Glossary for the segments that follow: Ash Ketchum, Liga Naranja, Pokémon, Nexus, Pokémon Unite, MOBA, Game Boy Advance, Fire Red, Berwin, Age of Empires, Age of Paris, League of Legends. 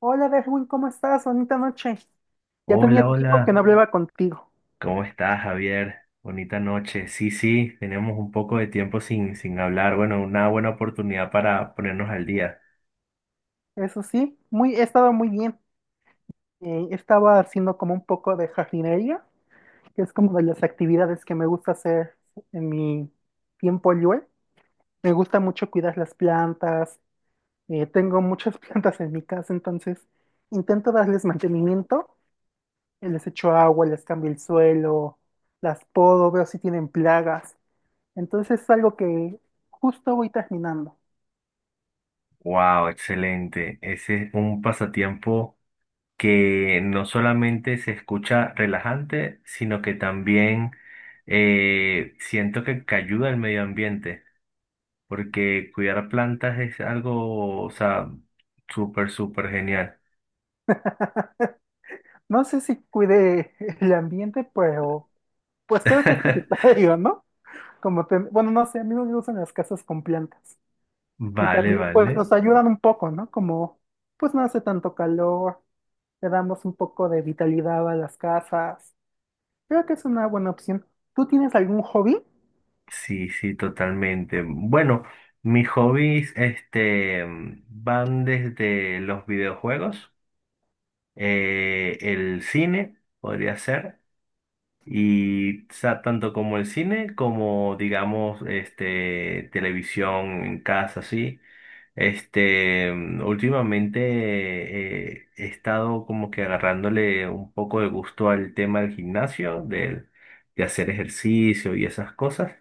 Hola, Berwin, ¿cómo estás? Bonita noche. Ya tenía Hola, tiempo que hola, no hablaba contigo. ¿cómo estás, Javier? Bonita noche. Sí, sí, tenemos un poco de tiempo sin hablar. Bueno, una buena oportunidad para ponernos al día. Eso sí, he estado muy bien. Estaba haciendo como un poco de jardinería, que es como de las actividades que me gusta hacer en mi tiempo libre. Me gusta mucho cuidar las plantas. Tengo muchas plantas en mi casa, entonces intento darles mantenimiento. Les echo agua, les cambio el suelo, las podo, veo si tienen plagas. Entonces es algo que justo voy terminando. Wow, excelente. Ese es un pasatiempo que no solamente se escucha relajante, sino que también siento que ayuda al medio ambiente, porque cuidar plantas es algo, o sea, súper, súper genial. No sé si cuide el ambiente, pero pues creo que es necesario, ¿no? Bueno, no sé, a mí no me gustan las casas con plantas. Y Vale, también pues vale. nos ayudan un poco, ¿no? Como pues no hace tanto calor, le damos un poco de vitalidad a las casas. Creo que es una buena opción. ¿Tú tienes algún hobby? Sí, sí, totalmente. Bueno, mis hobbies, van desde los videojuegos, el cine, podría ser, y o sea, tanto como el cine como, digamos, este, televisión en casa, sí. Este, últimamente he estado como que agarrándole un poco de gusto al tema del gimnasio, de hacer ejercicio y esas cosas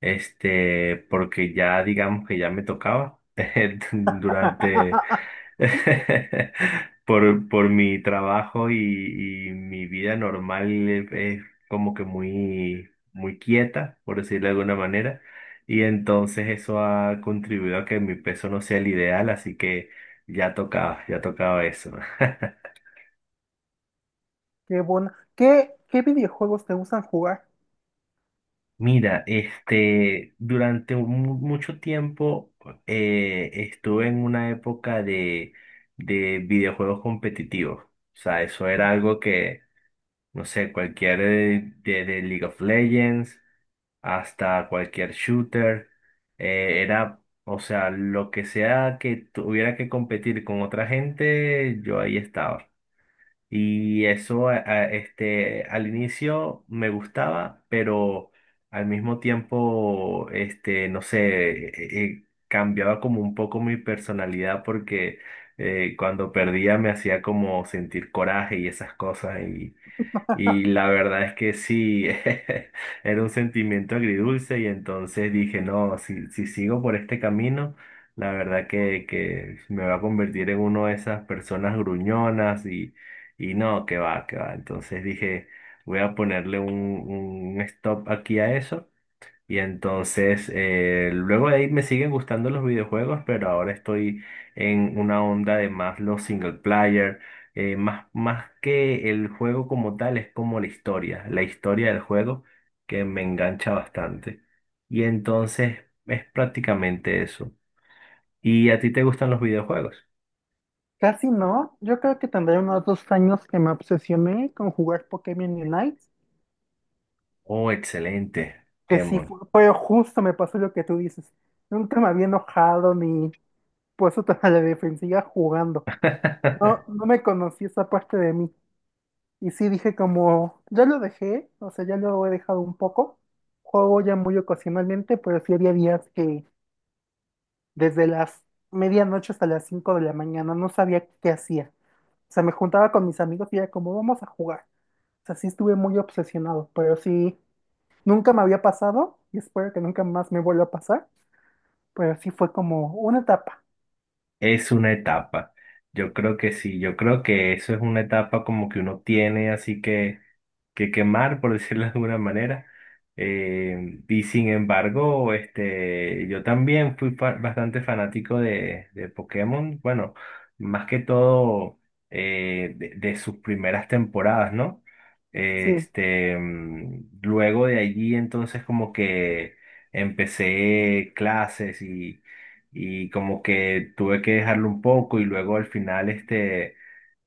este, porque ya digamos que ya me tocaba durante, por mi trabajo y mi vida normal es como que muy, muy quieta, por decirlo de alguna manera, y entonces eso ha contribuido a que mi peso no sea el ideal, así que ya tocaba eso. Qué bueno. Qué videojuegos te gustan jugar? Mira, este, durante mucho tiempo estuve en una época de videojuegos competitivos. O sea, eso era algo que, no sé, cualquier de League of Legends hasta cualquier shooter, era, o sea, lo que sea que tuviera que competir con otra gente, yo ahí estaba. Y eso, este, al inicio me gustaba, pero al mismo tiempo, este, no sé, cambiaba como un poco mi personalidad porque cuando perdía me hacía como sentir coraje y esas cosas. Y la verdad es que sí, era un sentimiento agridulce y entonces dije, no, si sigo por este camino, la verdad que me va a convertir en uno de esas personas gruñonas y no, que va, que va. Entonces dije, voy a ponerle un stop aquí a eso y entonces, luego de ahí me siguen gustando los videojuegos, pero ahora estoy en una onda de más los single player, más que el juego como tal, es como la historia del juego que me engancha bastante. Y entonces es prácticamente eso. ¿Y a ti te gustan los videojuegos? Casi no. Yo creo que tendré unos 2 años que me obsesioné con jugar Pokémon Unite. Oh, excelente, Que sí Kemon. fue, justo, me pasó lo que tú dices. Nunca me había enojado ni puesto toda la defensiva jugando. No me conocí esa parte de mí. Y sí dije como, ya lo dejé, o sea, ya lo he dejado un poco. Juego ya muy ocasionalmente, pero sí había días que desde las medianoche hasta las 5 de la mañana no sabía qué hacía. O sea, me juntaba con mis amigos y era como, vamos a jugar. O sea, sí estuve muy obsesionado, pero sí, nunca me había pasado y espero que nunca más me vuelva a pasar. Pero sí fue como una etapa. Es una etapa. Yo creo que sí, yo creo que eso es una etapa como que uno tiene así que quemar, por decirlo de alguna manera. Y sin embargo, este, yo también fui bastante fanático de Pokémon, bueno, más que todo de sus primeras temporadas, ¿no? Sí, Este, mm, luego de allí entonces como que empecé clases y como que tuve que dejarlo un poco y luego al final este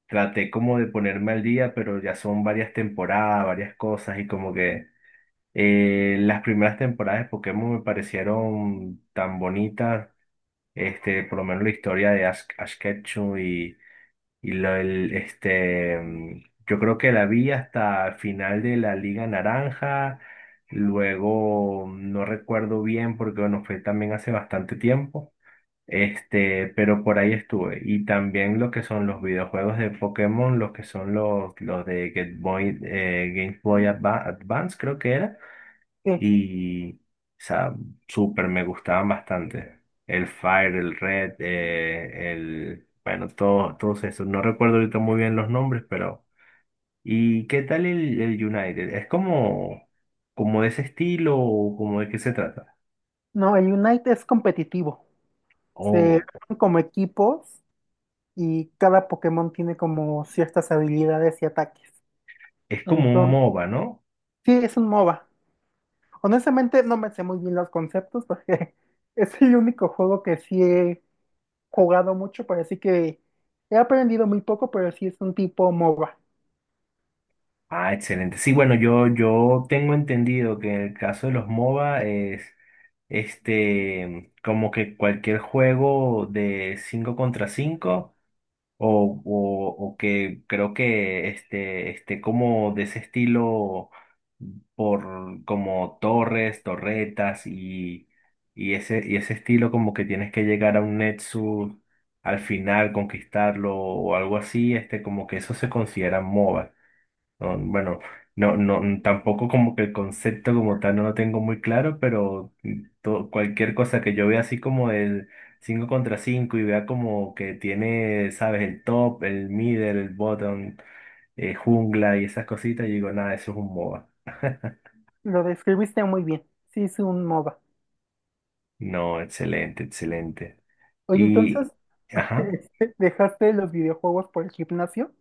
traté como de ponerme al día, pero ya son varias temporadas, varias cosas y como que las primeras temporadas de Pokémon me parecieron tan bonitas, este, por lo menos la historia de Ash, Ash Ketchum y lo, el, este, mm, yo creo que la vi hasta el final de la Liga Naranja. Luego no recuerdo bien porque bueno, fue también hace bastante tiempo. Este, pero por ahí estuve. Y también lo que son los videojuegos de Pokémon, los que son los de Game Boy, Game Boy Advance, creo que era. sí. Y, o sea, súper, me gustaban bastante. El Fire, el Red, el, bueno, todo, todos esos. No recuerdo ahorita muy bien los nombres, pero. ¿Y qué tal el United? ¿Es como, como de ese estilo o como de qué se trata? No, el Unite es competitivo. Se Oh, arman como equipos y cada Pokémon tiene como ciertas habilidades y ataques. es como un Entonces, MOBA, ¿no? sí, es un MOBA. Honestamente, no me sé muy bien los conceptos porque es el único juego que sí he jugado mucho, pero así que he aprendido muy poco, pero sí es un tipo MOBA. Ah, excelente. Sí, bueno, yo tengo entendido que en el caso de los MOBA es este como que cualquier juego de 5 contra 5 o que creo que este, esté como de ese estilo por como torres, torretas y ese estilo como que tienes que llegar a un Nexus al final, conquistarlo o algo así, este como que eso se considera MOBA. No, bueno, no, no, tampoco como que el concepto como tal no lo tengo muy claro, pero mm, cualquier cosa que yo vea así como el 5 contra 5 y vea como que tiene, sabes, el top, el middle, el bottom, jungla y esas cositas, yo digo, nada, eso es un MOBA. Lo describiste muy bien. Sí, es un MOBA. No, excelente, excelente. Oye, entonces, Y, ajá, ¿dejaste los videojuegos por el gimnasio?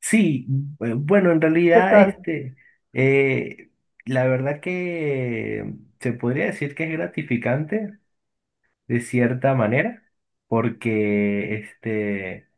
sí, bueno, en ¿Qué realidad tal? este, eh, la verdad que se podría decir que es gratificante de cierta manera, porque este,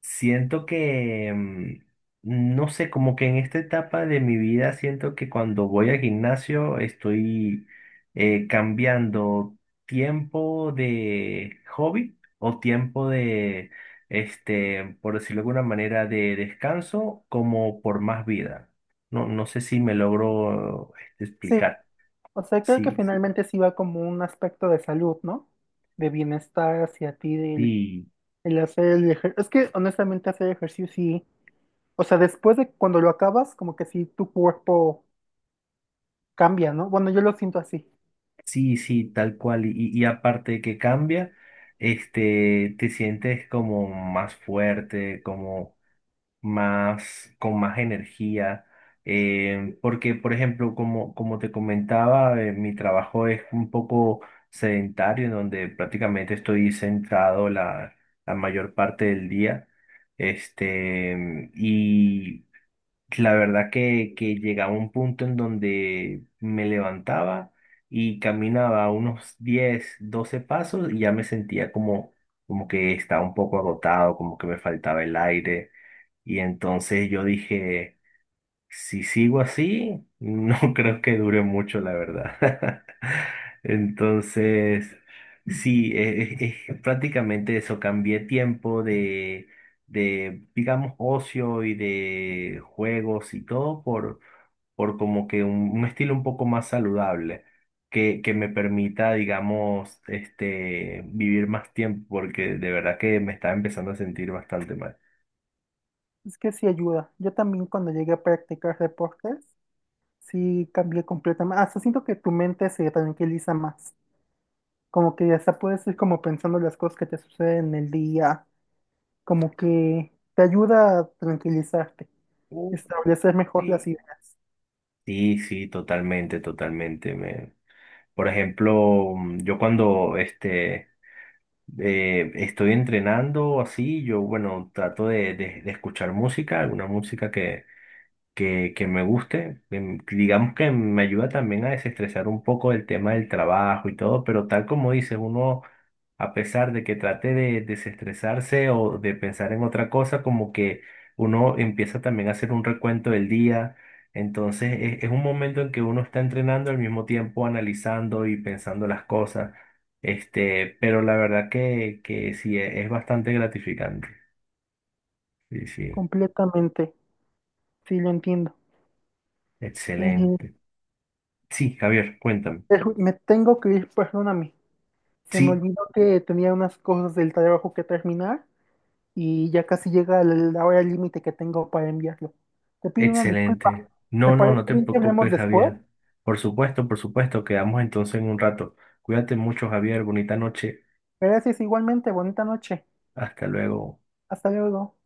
siento que, mm, no sé, como que en esta etapa de mi vida siento que cuando voy al gimnasio estoy cambiando tiempo de hobby o tiempo de, este, por decirlo de alguna manera, de descanso como por más vida. No, no sé si me logro este, Sí, explicar. o sea, creo que Sí. finalmente sí va como un aspecto de salud, ¿no? De bienestar hacia ti, del el hacer el ejercicio. Es que honestamente hacer ejercicio sí, o sea, después de cuando lo acabas, como que sí tu cuerpo cambia, ¿no? Bueno, yo lo siento así. Sí, sí, tal cual. Y aparte de que cambia, este, te sientes como más fuerte, como más, con más energía. Porque, por ejemplo, como, como te comentaba, mi trabajo es un poco sedentario, en donde prácticamente estoy sentado la, la mayor parte del día. Este, y la verdad que llegaba un punto en donde me levantaba y caminaba unos 10 12 pasos y ya me sentía como, como que estaba un poco agotado, como que me faltaba el aire. Y entonces yo dije... Si sigo así, no creo que dure mucho, la verdad. Entonces, sí, prácticamente eso, cambié tiempo de, digamos, ocio y de juegos y todo por como que un estilo un poco más saludable, que me permita, digamos, este, vivir más tiempo, porque de verdad que me estaba empezando a sentir bastante mal. Es que sí ayuda. Yo también cuando llegué a practicar deportes, sí cambié completamente. Hasta siento que tu mente se tranquiliza más. Como que hasta puedes ir como pensando las cosas que te suceden en el día como que te ayuda a tranquilizarte, Oh, establecer mejor las sí. ideas. Sí, sí, totalmente, totalmente. Me... Por ejemplo, mm, yo cuando este, estoy entrenando así, yo bueno, trato de, de escuchar música, alguna música que me guste. Que digamos que me ayuda también a desestresar un poco el tema del trabajo y todo, pero tal como dices, uno a pesar de que trate de desestresarse o de pensar en otra cosa, como que uno empieza también a hacer un recuento del día. Entonces es un momento en que uno está entrenando al mismo tiempo analizando y pensando las cosas. Este, pero la verdad que sí, es bastante gratificante. Sí, sí, Completamente, sí lo entiendo. Eh, excelente. Sí, Javier, cuéntame. pero me tengo que ir, perdóname. Se me Sí. olvidó que tenía unas cosas del trabajo que terminar y ya casi llega la hora límite que tengo para enviarlo. Te pido una disculpa. Excelente. ¿Te No, no, parece no te bien que hablemos preocupes, después? Javier. Por supuesto, quedamos entonces en un rato. Cuídate mucho, Javier. Bonita noche. Gracias igualmente, bonita noche. Hasta luego. Hasta luego.